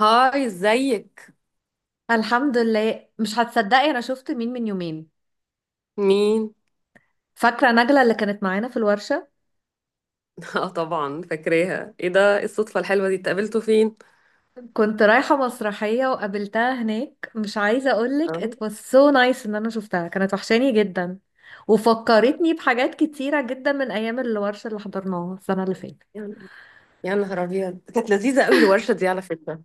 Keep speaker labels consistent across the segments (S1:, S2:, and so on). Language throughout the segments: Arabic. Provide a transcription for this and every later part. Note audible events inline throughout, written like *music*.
S1: هاي، ازيك؟
S2: الحمد لله، مش هتصدقي انا شفت مين من يومين.
S1: مين؟
S2: فاكره نجله اللي كانت معانا في الورشه.
S1: *laughs* اه طبعا فاكراها. ايه ده؟ إيه الصدفه الحلوه دي؟ اتقابلتوا فين؟
S2: كنت رايحه مسرحيه وقابلتها هناك، مش عايزه اقولك it
S1: اه.
S2: was so nice ان انا شفتها، كانت وحشاني جدا. وفكرتني بحاجات كتيره جدا من ايام الورشه اللي حضرناها السنه اللي فاتت.
S1: يعني، يا نهار ابيض، كانت لذيذه قوي الورشه دي على فكره.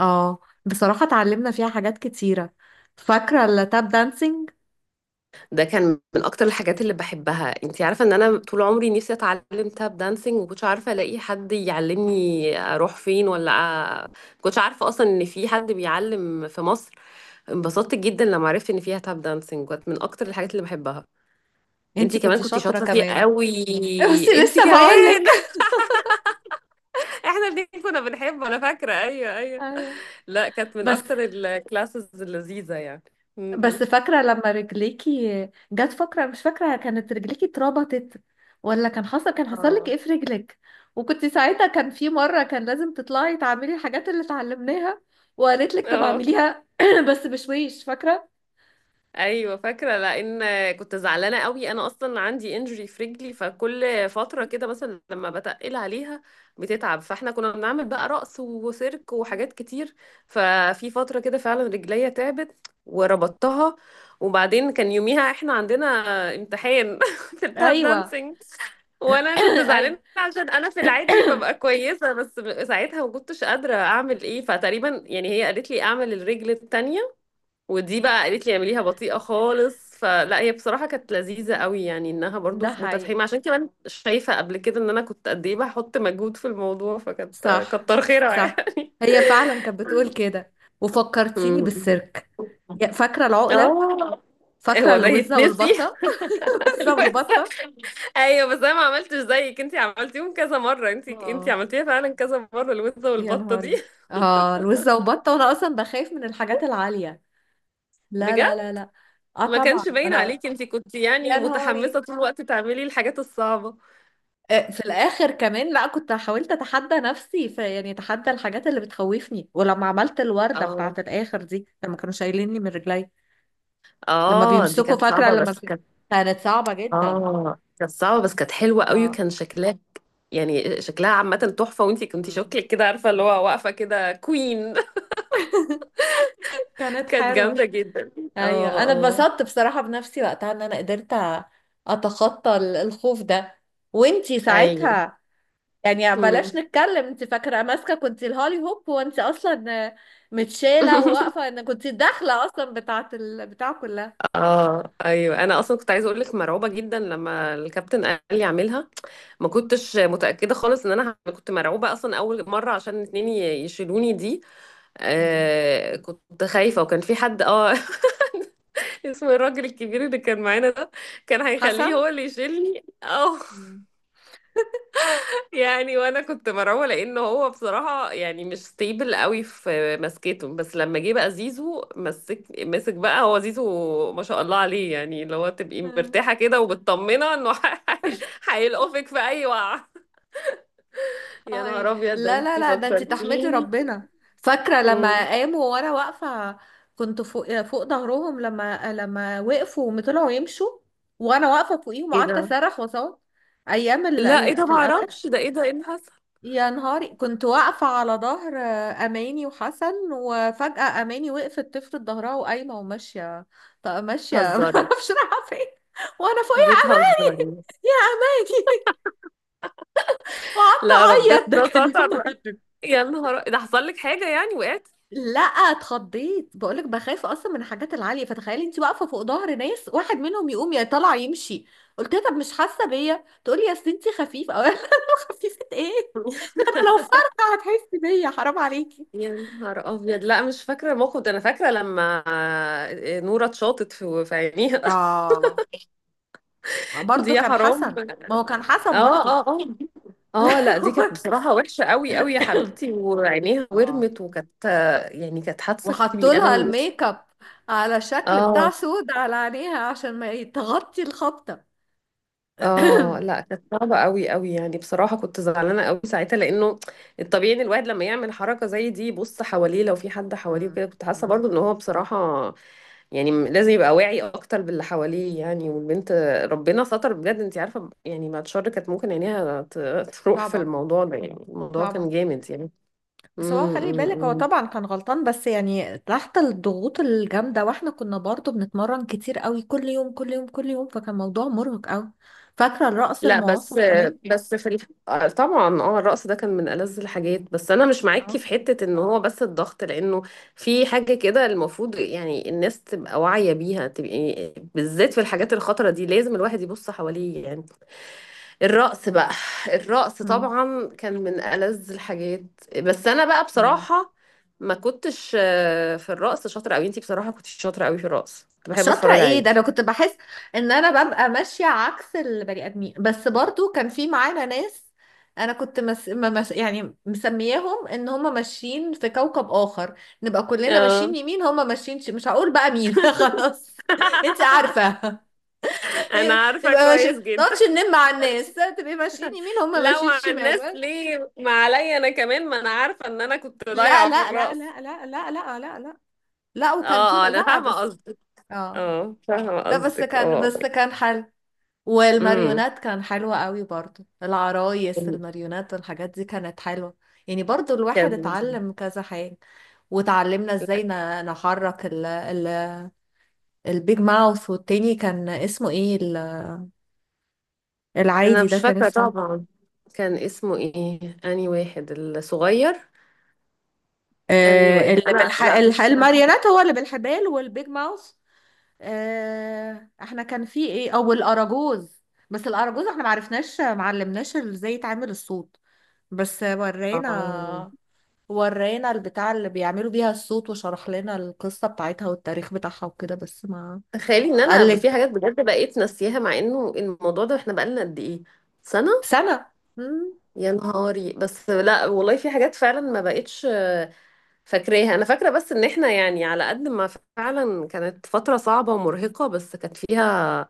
S2: اه. بصراحه اتعلمنا فيها حاجات كتيره. فاكره التاب دانسينج.
S1: ده كان من اكتر الحاجات اللي بحبها. انتي عارفه ان انا طول عمري نفسي اتعلم تاب دانسينج، وكنتش عارفه الاقي حد يعلمني، اروح فين ولا أ... كنتش عارفه اصلا ان في حد بيعلم في مصر. انبسطت جدا لما عرفت ان فيها تاب دانسينج، كانت من اكتر الحاجات اللي بحبها.
S2: انتي
S1: انتي كمان
S2: كنت
S1: كنتي
S2: شاطره
S1: شاطره فيه
S2: كمان.
S1: قوي.
S2: *laughs* بس
S1: انتي
S2: لسه
S1: كمان،
S2: بقولك.
S1: احنا الاتنين كنا بنحبه. انا فاكره، ايوه ايوه.
S2: ايوه.
S1: لا، كانت من
S2: بس
S1: اكتر الكلاسز اللذيذه يعني.
S2: بس
S1: امم.
S2: فاكرة لما رجليكي جت، فاكرة، مش فاكرة، كانت رجليكي اتربطت ولا كان حصل لك
S1: اه،
S2: ايه في رجلك؟ وكنت ساعتها، كان في مرة كان لازم تطلعي تعملي الحاجات اللي اتعلمناها، وقالت لك طب
S1: اه،
S2: اعمليها *coughs* *clears throat* بس بشويش، فاكرة؟
S1: ايوه فاكره لان كنت زعلانه قوي. انا اصلا عندي انجري في رجلي، فكل فتره كده مثلا لما بتقل عليها بتتعب، فاحنا كنا بنعمل بقى رقص وسيرك وحاجات كتير. ففي فتره كده فعلا رجليا تعبت، وربطتها. وبعدين كان يوميها احنا عندنا امتحان *laughs* في التاب
S2: ايوه.
S1: دانسينج.
S2: *coughs* *clears throat*
S1: وانا كنت
S2: ايوه.
S1: زعلانه
S2: *clears throat*
S1: عشان انا في العادي ببقى كويسه، بس ساعتها ما كنتش قادره اعمل ايه، فتقريبا يعني هي قالت لي اعمل الرجل التانية. ودي بقى قالت لي اعمليها بطيئة خالص. فلا، هي بصراحة كانت لذيذة قوي، يعني انها برضو
S2: ده حقيقي.
S1: متفهمة، عشان كمان شايفة قبل كده ان انا كنت قد ايه بحط مجهود في الموضوع، فكانت
S2: صح.
S1: كتر خيرها *laughs*
S2: صح.
S1: يعني.
S2: هي فعلا كانت بتقول كده. وفكرتيني
S1: أمم.
S2: بالسيرك. فاكرة العقلة.
S1: اه.
S2: فاكرة
S1: هو ده
S2: الوزة
S1: يتنسي؟
S2: والبطة. *laughs* الوزة
S1: *laughs* بس-
S2: والبطة.
S1: ايوه، بس انا ما عملتش زيك. انتي عملتيهم كذا مرة، انتي
S2: اه
S1: عملتيها فعلا كذا مرة الوزة
S2: يا
S1: والبطة دي
S2: نهاري.
S1: *laughs*
S2: اه الوزة وبطة، وانا اصلا بخاف من الحاجات العالية. لا لا لا
S1: بجد،
S2: لا. اه
S1: ما
S2: طبعا
S1: كانش باين
S2: انا.
S1: عليكي. انتي كنتي يعني
S2: يا
S1: متحمسة
S2: نهاري.
S1: طول الوقت تعملي الحاجات الصعبة.
S2: في الاخر كمان، لا كنت حاولت اتحدى نفسي في، يعني اتحدى الحاجات اللي بتخوفني. ولما عملت الوردة
S1: اه،
S2: بتاعت الاخر دي لما كانوا شايليني من رجلي، لما
S1: اه، دي
S2: بيمسكوا
S1: كانت
S2: فاكرة
S1: صعبة
S2: لما
S1: بس كانت.
S2: كانت صعبة جدا.
S1: اه، كانت صعبة بس كانت حلوة قوي،
S2: اه.
S1: وكان شكلها يعني شكلها عامة تحفة، وانتي كنتي
S2: مم.
S1: شكلك كده، عارفة، اللي هو واقفة كده كوين. *laughs*
S2: كانت
S1: كانت
S2: حلوة.
S1: جامدة جدا.
S2: ايوه،
S1: اه،
S2: انا
S1: اه،
S2: اتبسطت بصراحة بنفسي وقتها ان انا قدرت اتخطى الخوف ده. وانتي
S1: ايوه.
S2: ساعتها يعني بلاش
S1: مم.
S2: نتكلم، انت فاكره ماسكه كنت الهولي هوب، وانت اصلا متشاله
S1: *laughs*
S2: وواقفه ان كنت الداخله اصلا بتاعه البتاع كلها.
S1: اه، ايوه، انا اصلا كنت عايزه اقول لك مرعوبه جدا لما الكابتن قال لي اعملها. ما
S2: مم.
S1: كنتش متاكده خالص ان انا كنت مرعوبه اصلا اول مره عشان اتنين يشيلوني دي.
S2: مم.
S1: آه كنت خايفه، وكان في حد *laughs* اسم الراجل الكبير اللي كان معانا ده، كان
S2: حسن.
S1: هيخليه هو اللي يشيلني او *laughs*
S2: مم.
S1: يعني. وانا كنت مرعوبه لان هو بصراحه يعني مش ستيبل قوي في مسكته، بس لما جه بقى زيزو مسك مسك بقى، هو زيزو ما شاء الله عليه، يعني اللي هو تبقي
S2: مم.
S1: مرتاحه كده ومطمنه انه *laughs* هيلقفك في اي وقعه. يا
S2: هاي
S1: نهار ابيض، ده
S2: لا لا
S1: انت
S2: لا، ده انت تحمدي
S1: فكرتيني.
S2: ربنا. فاكره
S1: مم.
S2: لما قاموا وانا واقفه، كنت فوق فوق ظهرهم، لما وقفوا وطلعوا يمشوا وانا واقفه فوقيهم،
S1: ايه
S2: وقعدت
S1: ده؟
S2: اصرخ واصوت. ايام
S1: لا، ايه ده؟
S2: في
S1: ما
S2: الاوان.
S1: اعرفش. ده ايه ده؟ ايه اللي حصل؟
S2: يا نهاري كنت واقفة على ظهر أماني وحسن، وفجأة أماني وقفت تفرد ظهرها وقايمة وماشية. طب ماشية *laughs*
S1: بتهزري؟
S2: معرفش رايحة فين. وأنا فوقيها،
S1: بتهزري؟
S2: أماني. يا أماني. وقعدت
S1: لا، ربنا
S2: أعيط. ده كان يوم
S1: ستر.
S2: مهدد.
S1: يا نهار، ده حصل لك حاجة يعني؟ وقعت؟
S2: لا اتخضيت، بقولك بخاف أصلا من الحاجات العالية، فتخيلي أنت واقفة فوق ظهر ناس، واحد منهم يقوم يا طالع يمشي. قلت لها طب مش حاسة بيا؟ تقولي يا ستي خفيف، أو أنا *laughs* خفيفة إيه؟ ده أنا لو فرقة هتحسي بيا، حرام عليكي.
S1: يا نهار ابيض، لا مش فاكرة الموقف ده. انا فاكرة لما آه، نورة اتشاطت في عينيها.
S2: اه. ما
S1: *laughs* دي
S2: برضو
S1: يا
S2: كان
S1: حرام.
S2: حسن. ما هو كان
S1: اه،
S2: حسن برضو.
S1: اه، اه،
S2: *laughs* لا.
S1: اه، لا، دي
S2: هو-
S1: كانت بصراحة وحشة قوي قوي يا حبيبتي، وعينيها
S2: اه.
S1: ورمت، وكانت آه، يعني كانت حادثة
S2: وحطوا
S1: كبيرة.
S2: لها الميك اب على شكل بتاع
S1: اه،
S2: سود على عينيها عشان ما تغطي الخبطة.
S1: اه،
S2: *coughs*
S1: لا كانت صعبة قوي قوي، يعني بصراحة كنت زعلانة قوي ساعتها، لانه الطبيعي ان الواحد لما يعمل حركة زي دي يبص حواليه، لو في حد
S2: *clears throat*
S1: حواليه
S2: مم.
S1: وكده. كنت حاسة
S2: مم.
S1: برضو ان هو بصراحة يعني لازم يبقى واعي اكتر باللي حواليه يعني. والبنت، ربنا ستر بجد، انت عارفه، يعني بعد شر كانت ممكن عينيها تروح في
S2: طبعا.
S1: الموضوع ده. يعني الموضوع كان
S2: طبعا.
S1: جامد يعني.
S2: بس هو
S1: أمم،
S2: خلي
S1: أمم،
S2: بالك، هو
S1: أمم.
S2: طبعا كان غلطان، بس يعني تحت الضغوط الجامدة، واحنا كنا برضو بنتمرن كتير قوي كل يوم كل يوم كل يوم، فكان موضوع مرهق قوي. فاكرة الرقص
S1: لا، بس
S2: المعاصر كمان.
S1: بس آه، طبعا الرقص ده كان من ألذ الحاجات، بس انا مش معاكي
S2: اه.
S1: في حته ان هو بس الضغط، لانه في حاجه كده المفروض يعني الناس تبقى واعيه بيها، تبقى بالذات في الحاجات الخطره دي لازم الواحد يبص حواليه يعني. الرقص بقى، الرقص
S2: مم.
S1: طبعا كان من ألذ الحاجات. بس انا بقى
S2: مم.
S1: بصراحة ما كنتش في الرقص شاطرة قوي. انتي بصراحة كنتش شاطرة قوي في الرقص، كنت بحب
S2: شاطرة
S1: اتفرج
S2: ايه ده!
S1: عليكي.
S2: انا كنت بحس ان انا ببقى ماشية عكس البني ادمين، بس برضو كان في معانا ناس. انا كنت مس... ما مس... يعني مسمياهم ان هم ماشيين في كوكب اخر. نبقى كلنا
S1: اه.
S2: ماشيين يمين، هم ماشيين مش هقول بقى مين. *laughs* خلاص. انت
S1: *laughs*
S2: عارفة. *laughs*
S1: انا عارفة
S2: نبقى ماشي ما
S1: كويس جدا.
S2: نقعدش نلم على الناس، تبقي ماشيين يمين، هم
S1: لو
S2: ماشيين
S1: على الناس
S2: شمال.
S1: ليه؟ ما عليا انا كمان، ما انا عارفة ان انا كنت
S2: لا
S1: ضايعة في
S2: لا لا
S1: الرقص.
S2: لا لا لا لا لا لا. لا
S1: اه،
S2: وكان طول
S1: اه، انا
S2: لا
S1: فاهمة
S2: بس.
S1: قصدك.
S2: اه.
S1: اه، فاهمة
S2: لا بس
S1: قصدك.
S2: كان
S1: اه.
S2: بس كان حل.
S1: امم.
S2: والماريونات كان حلوة قوي برضو، العرايس الماريونات والحاجات دي كانت حلوة. يعني برضو الواحد
S1: كان،
S2: اتعلم كذا حاجة. وتعلمنا ازاي نحرك ال البيج ماوث، والتاني كان اسمه ايه
S1: انا
S2: العادي ده
S1: مش
S2: كان
S1: فاكره
S2: اسمه إيه؟
S1: طبعا. كان اسمه ايه اني واحد الصغير؟ اني
S2: آه
S1: واحد؟
S2: اللي
S1: انا لا، مش فاكره.
S2: الماريونات هو اللي بالحبال، والبيج ماوث. آه احنا كان في ايه او الاراجوز. بس الاراجوز احنا معرفناش، معلمناش ازاي يتعمل الصوت. بس
S1: اه.
S2: ورينا، ورينا البتاع اللي بيعملوا بيها الصوت، وشرح لنا القصة بتاعتها والتاريخ بتاعها وكده، بس ما.
S1: تخيلي ان انا في
S2: قالك
S1: حاجات بجد بقيت ناسياها، مع انه الموضوع ده احنا بقالنا قد ايه؟ سنه.
S2: سنة. مم.
S1: يا نهاري، بس لا والله في حاجات فعلا ما بقتش فاكراها. انا فاكره بس ان احنا يعني، على قد ما فعلا كانت فتره صعبه ومرهقه، بس كانت فيها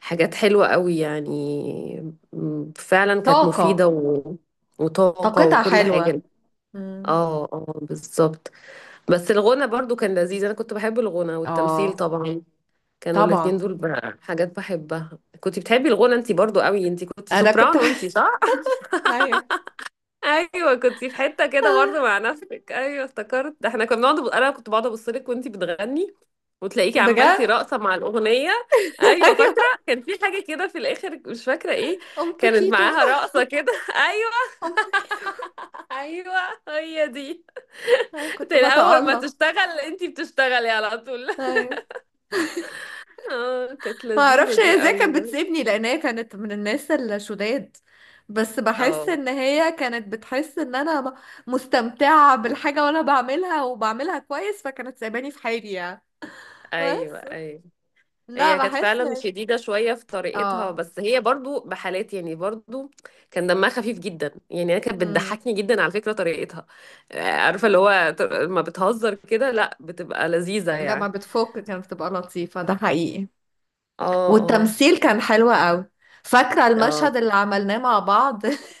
S1: حاجات حلوه قوي. يعني فعلا كانت
S2: طاقة.
S1: مفيده وطاقة
S2: طاقتها
S1: وكل
S2: حلوة.
S1: حاجة.
S2: مم.
S1: اه، اه، بالظبط. بس الغنى برضو كان لذيذ، انا كنت بحب الغنى والتمثيل
S2: اه
S1: طبعا. كانوا الاتنين
S2: طبعا
S1: دول بقى حاجات بحبها. كنت بتحبي الغنى انتي برضو قوي، انتي كنتي
S2: انا كنت
S1: سوبرانو انتي، صح؟
S2: *laughs* ايوه.
S1: ايوه، كنتي في حتة كده
S2: آه،
S1: برضو مع نفسك. ايوه افتكرت، ده احنا كنا بنقعد انا كنت بقعد ابص لك وانتي بتغني، وتلاقيكي
S2: بجد.
S1: عملتي
S2: *laughs*
S1: رقصة مع الأغنية. أيوة
S2: ايوه،
S1: فاكرة، كان في حاجة كده في الآخر، مش فاكرة إيه.
S2: ام
S1: كانت
S2: بكيتو.
S1: معاها رقصة كده *laughs* أيوة.
S2: ام بكيتو.
S1: أيوة هي دي.
S2: انا كنت
S1: أول ما
S2: بتألق.
S1: تشتغل أنتي بتشتغلي على طول.
S2: ايوه.
S1: اه، كانت
S2: ما
S1: لذيذة
S2: اعرفش هي
S1: دي
S2: ازاي
S1: قوي.
S2: كانت بتسيبني، لان هي كانت من الناس الشداد، بس بحس
S1: اه،
S2: ان هي كانت بتحس ان انا مستمتعة بالحاجة وانا بعملها وبعملها كويس، فكانت سايباني في حالي يعني.
S1: ايوه،
S2: بس.
S1: ايوه.
S2: لا
S1: هي كانت
S2: بحس.
S1: فعلا شديدة شوية في طريقتها،
S2: اه.
S1: بس هي برضو بحالات يعني، برضو كان دمها خفيف جدا، يعني انا كانت
S2: امم.
S1: بتضحكني جدا على فكرة طريقتها. آه، عارفة اللي هو لما بتهزر كده، لا بتبقى لذيذة
S2: لما
S1: يعني.
S2: بتفك كانت بتبقى لطيفة، ده حقيقي.
S1: اه، اه،
S2: والتمثيل كان حلو قوي. فاكرة
S1: اه،
S2: المشهد اللي عملناه مع بعض *laughs*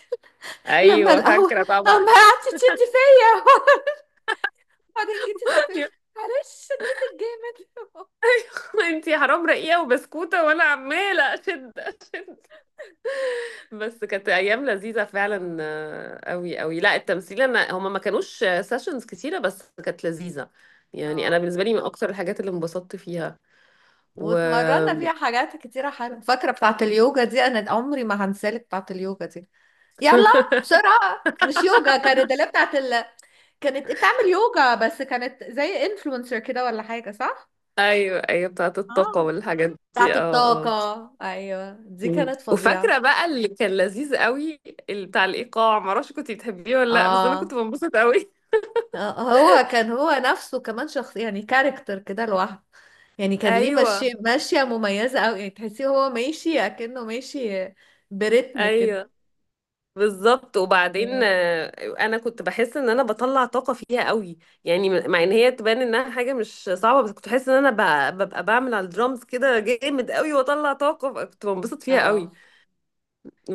S2: لما
S1: ايوه
S2: القهوة،
S1: فاكرة طبعا.
S2: اما قعدتي تشدي فيا *laughs* وبعدين جيتي تعترفي. معلش شديتك جامد.
S1: *laughs* انتي حرام رقيقة وبسكوتة، وانا عمالة اشد اشد. بس كانت ايام لذيذه فعلا،
S2: *laughs*
S1: قوي قوي. لا التمثيل، انا هما ما كانوش سيشنز كتيره، بس كانت لذيذه. يعني انا
S2: اه.
S1: بالنسبه لي من اكتر الحاجات اللي انبسطت فيها. و
S2: واتمرنا فيها حاجات كتيرة حلوة. فاكرة بتاعة اليوجا دي؟ أنا عمري ما هنسالك بتاعة اليوجا دي. يلا بسرعة، مش يوجا، كانت اللي بتاعة ال... كانت بتعمل يوجا بس كانت زي انفلونسر كده ولا حاجة، صح؟
S1: ايوه، ايوه، بتاعه الطاقه
S2: اه.
S1: والحاجات
S2: بتاعة
S1: دي. اه،
S2: الطاقة
S1: اه.
S2: أيوة دي
S1: مم.
S2: كانت فظيعة.
S1: وفاكره بقى اللي كان لذيذ قوي، اللي بتاع الايقاع، ما اعرفش كنت بتحبيه ولا لا، بس انا
S2: اه،
S1: كنت بنبسط قوي.
S2: هو كان هو نفسه كمان شخص يعني كاركتر كده لوحده، يعني كان
S1: *laughs*
S2: ليه
S1: ايوه،
S2: ماشية، ماشية مميزة أوي، يعني تحسيه هو ماشي أكنه ماشي برتم كده.
S1: ايوه، بالظبط. وبعدين انا كنت بحس ان انا بطلع طاقه فيها قوي. يعني مع ان هي تبان انها حاجه مش صعبه، بس كنت بحس ان انا ببقى بعمل على الدرامز كده جامد قوي، واطلع طاقه، فكنت بنبسط فيها قوي.
S2: اه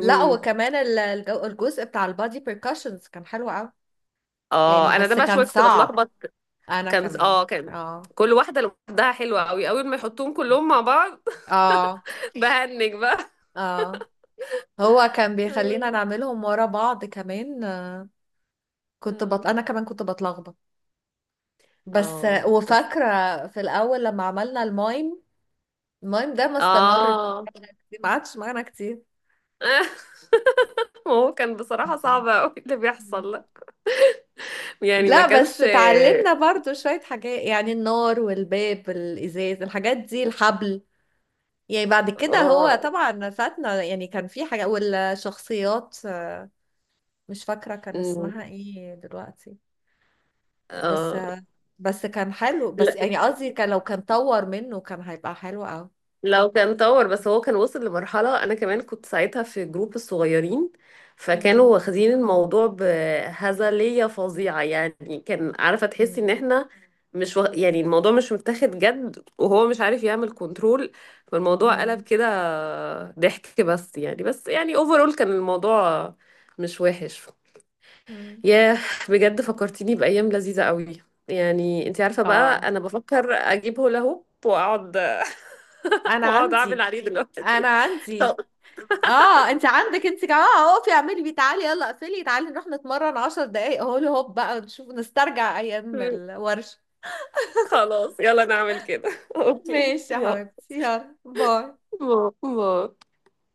S2: لا، وكمان الجزء بتاع البادي بيركاشنز كان حلو قوي. يعني
S1: اه، انا ده
S2: بس
S1: بقى
S2: كان
S1: شويه كنت
S2: صعب،
S1: بتلخبط.
S2: انا
S1: كان
S2: كمان.
S1: اه كان
S2: اه.
S1: كل واحده لوحدها حلوه قوي، اول ما يحطوهم كلهم مع بعض
S2: اه.
S1: *laughs* بهنج بقى.
S2: اه. هو كان بيخلينا نعملهم ورا بعض كمان كنت
S1: اه،
S2: انا كمان كنت بتلخبط. بس
S1: اه، بس
S2: وفاكره في الاول لما عملنا المايم، المايم ده ما استمرش،
S1: اه
S2: ما قعدش معانا كتير.
S1: *laughs* ما هو كان بصراحه صعب قوي اللي
S2: مم.
S1: بيحصل. يعني ما
S2: لا
S1: كانش.
S2: بس اتعلمنا برضو شويه حاجات، يعني النار والباب الازاز الحاجات دي الحبل. يعني بعد كده هو
S1: اه،
S2: طبعا فاتنا، يعني كان في حاجة والشخصيات، مش فاكرة كان
S1: أمم،
S2: اسمها ايه دلوقتي. بس
S1: اه،
S2: بس كان حلو، بس
S1: لا
S2: يعني قصدي كان لو كان طور منه كان هيبقى حلو أوي.
S1: لو كان طور، بس هو كان وصل لمرحلة. انا كمان كنت ساعتها في جروب الصغيرين، فكانوا
S2: مم.
S1: واخدين الموضوع بهزلية فظيعة. يعني كان، عارفة، تحسي ان
S2: مم.
S1: احنا مش يعني الموضوع مش متاخد جد، وهو مش عارف يعمل كنترول، فالموضوع قلب
S2: مم.
S1: كده ضحك. بس يعني اوفرول كان الموضوع مش وحش.
S2: مم.
S1: ياه، بجد فكرتيني بأيام لذيذة قوي. يعني، انت عارفة
S2: اه
S1: بقى، انا بفكر اجيب هولا هوب واقعد *laughs*
S2: انا
S1: واقعد اعمل
S2: عندي،
S1: عليه
S2: انا
S1: دلوقتي.
S2: عندي.
S1: طب.
S2: اه انت عندك انت كمان، اه اقفي اعملي بيه، تعالي يلا، اقفلي تعالي نروح نتمرن 10 دقايق اهو، هوب بقى نشوف نسترجع ايام
S1: *laughs*
S2: الورشة.
S1: خلاص يلا نعمل كده. *laughs* اوكي،
S2: ماشي يا
S1: يلا.
S2: حبيبتي، يلا باي.
S1: باي باي.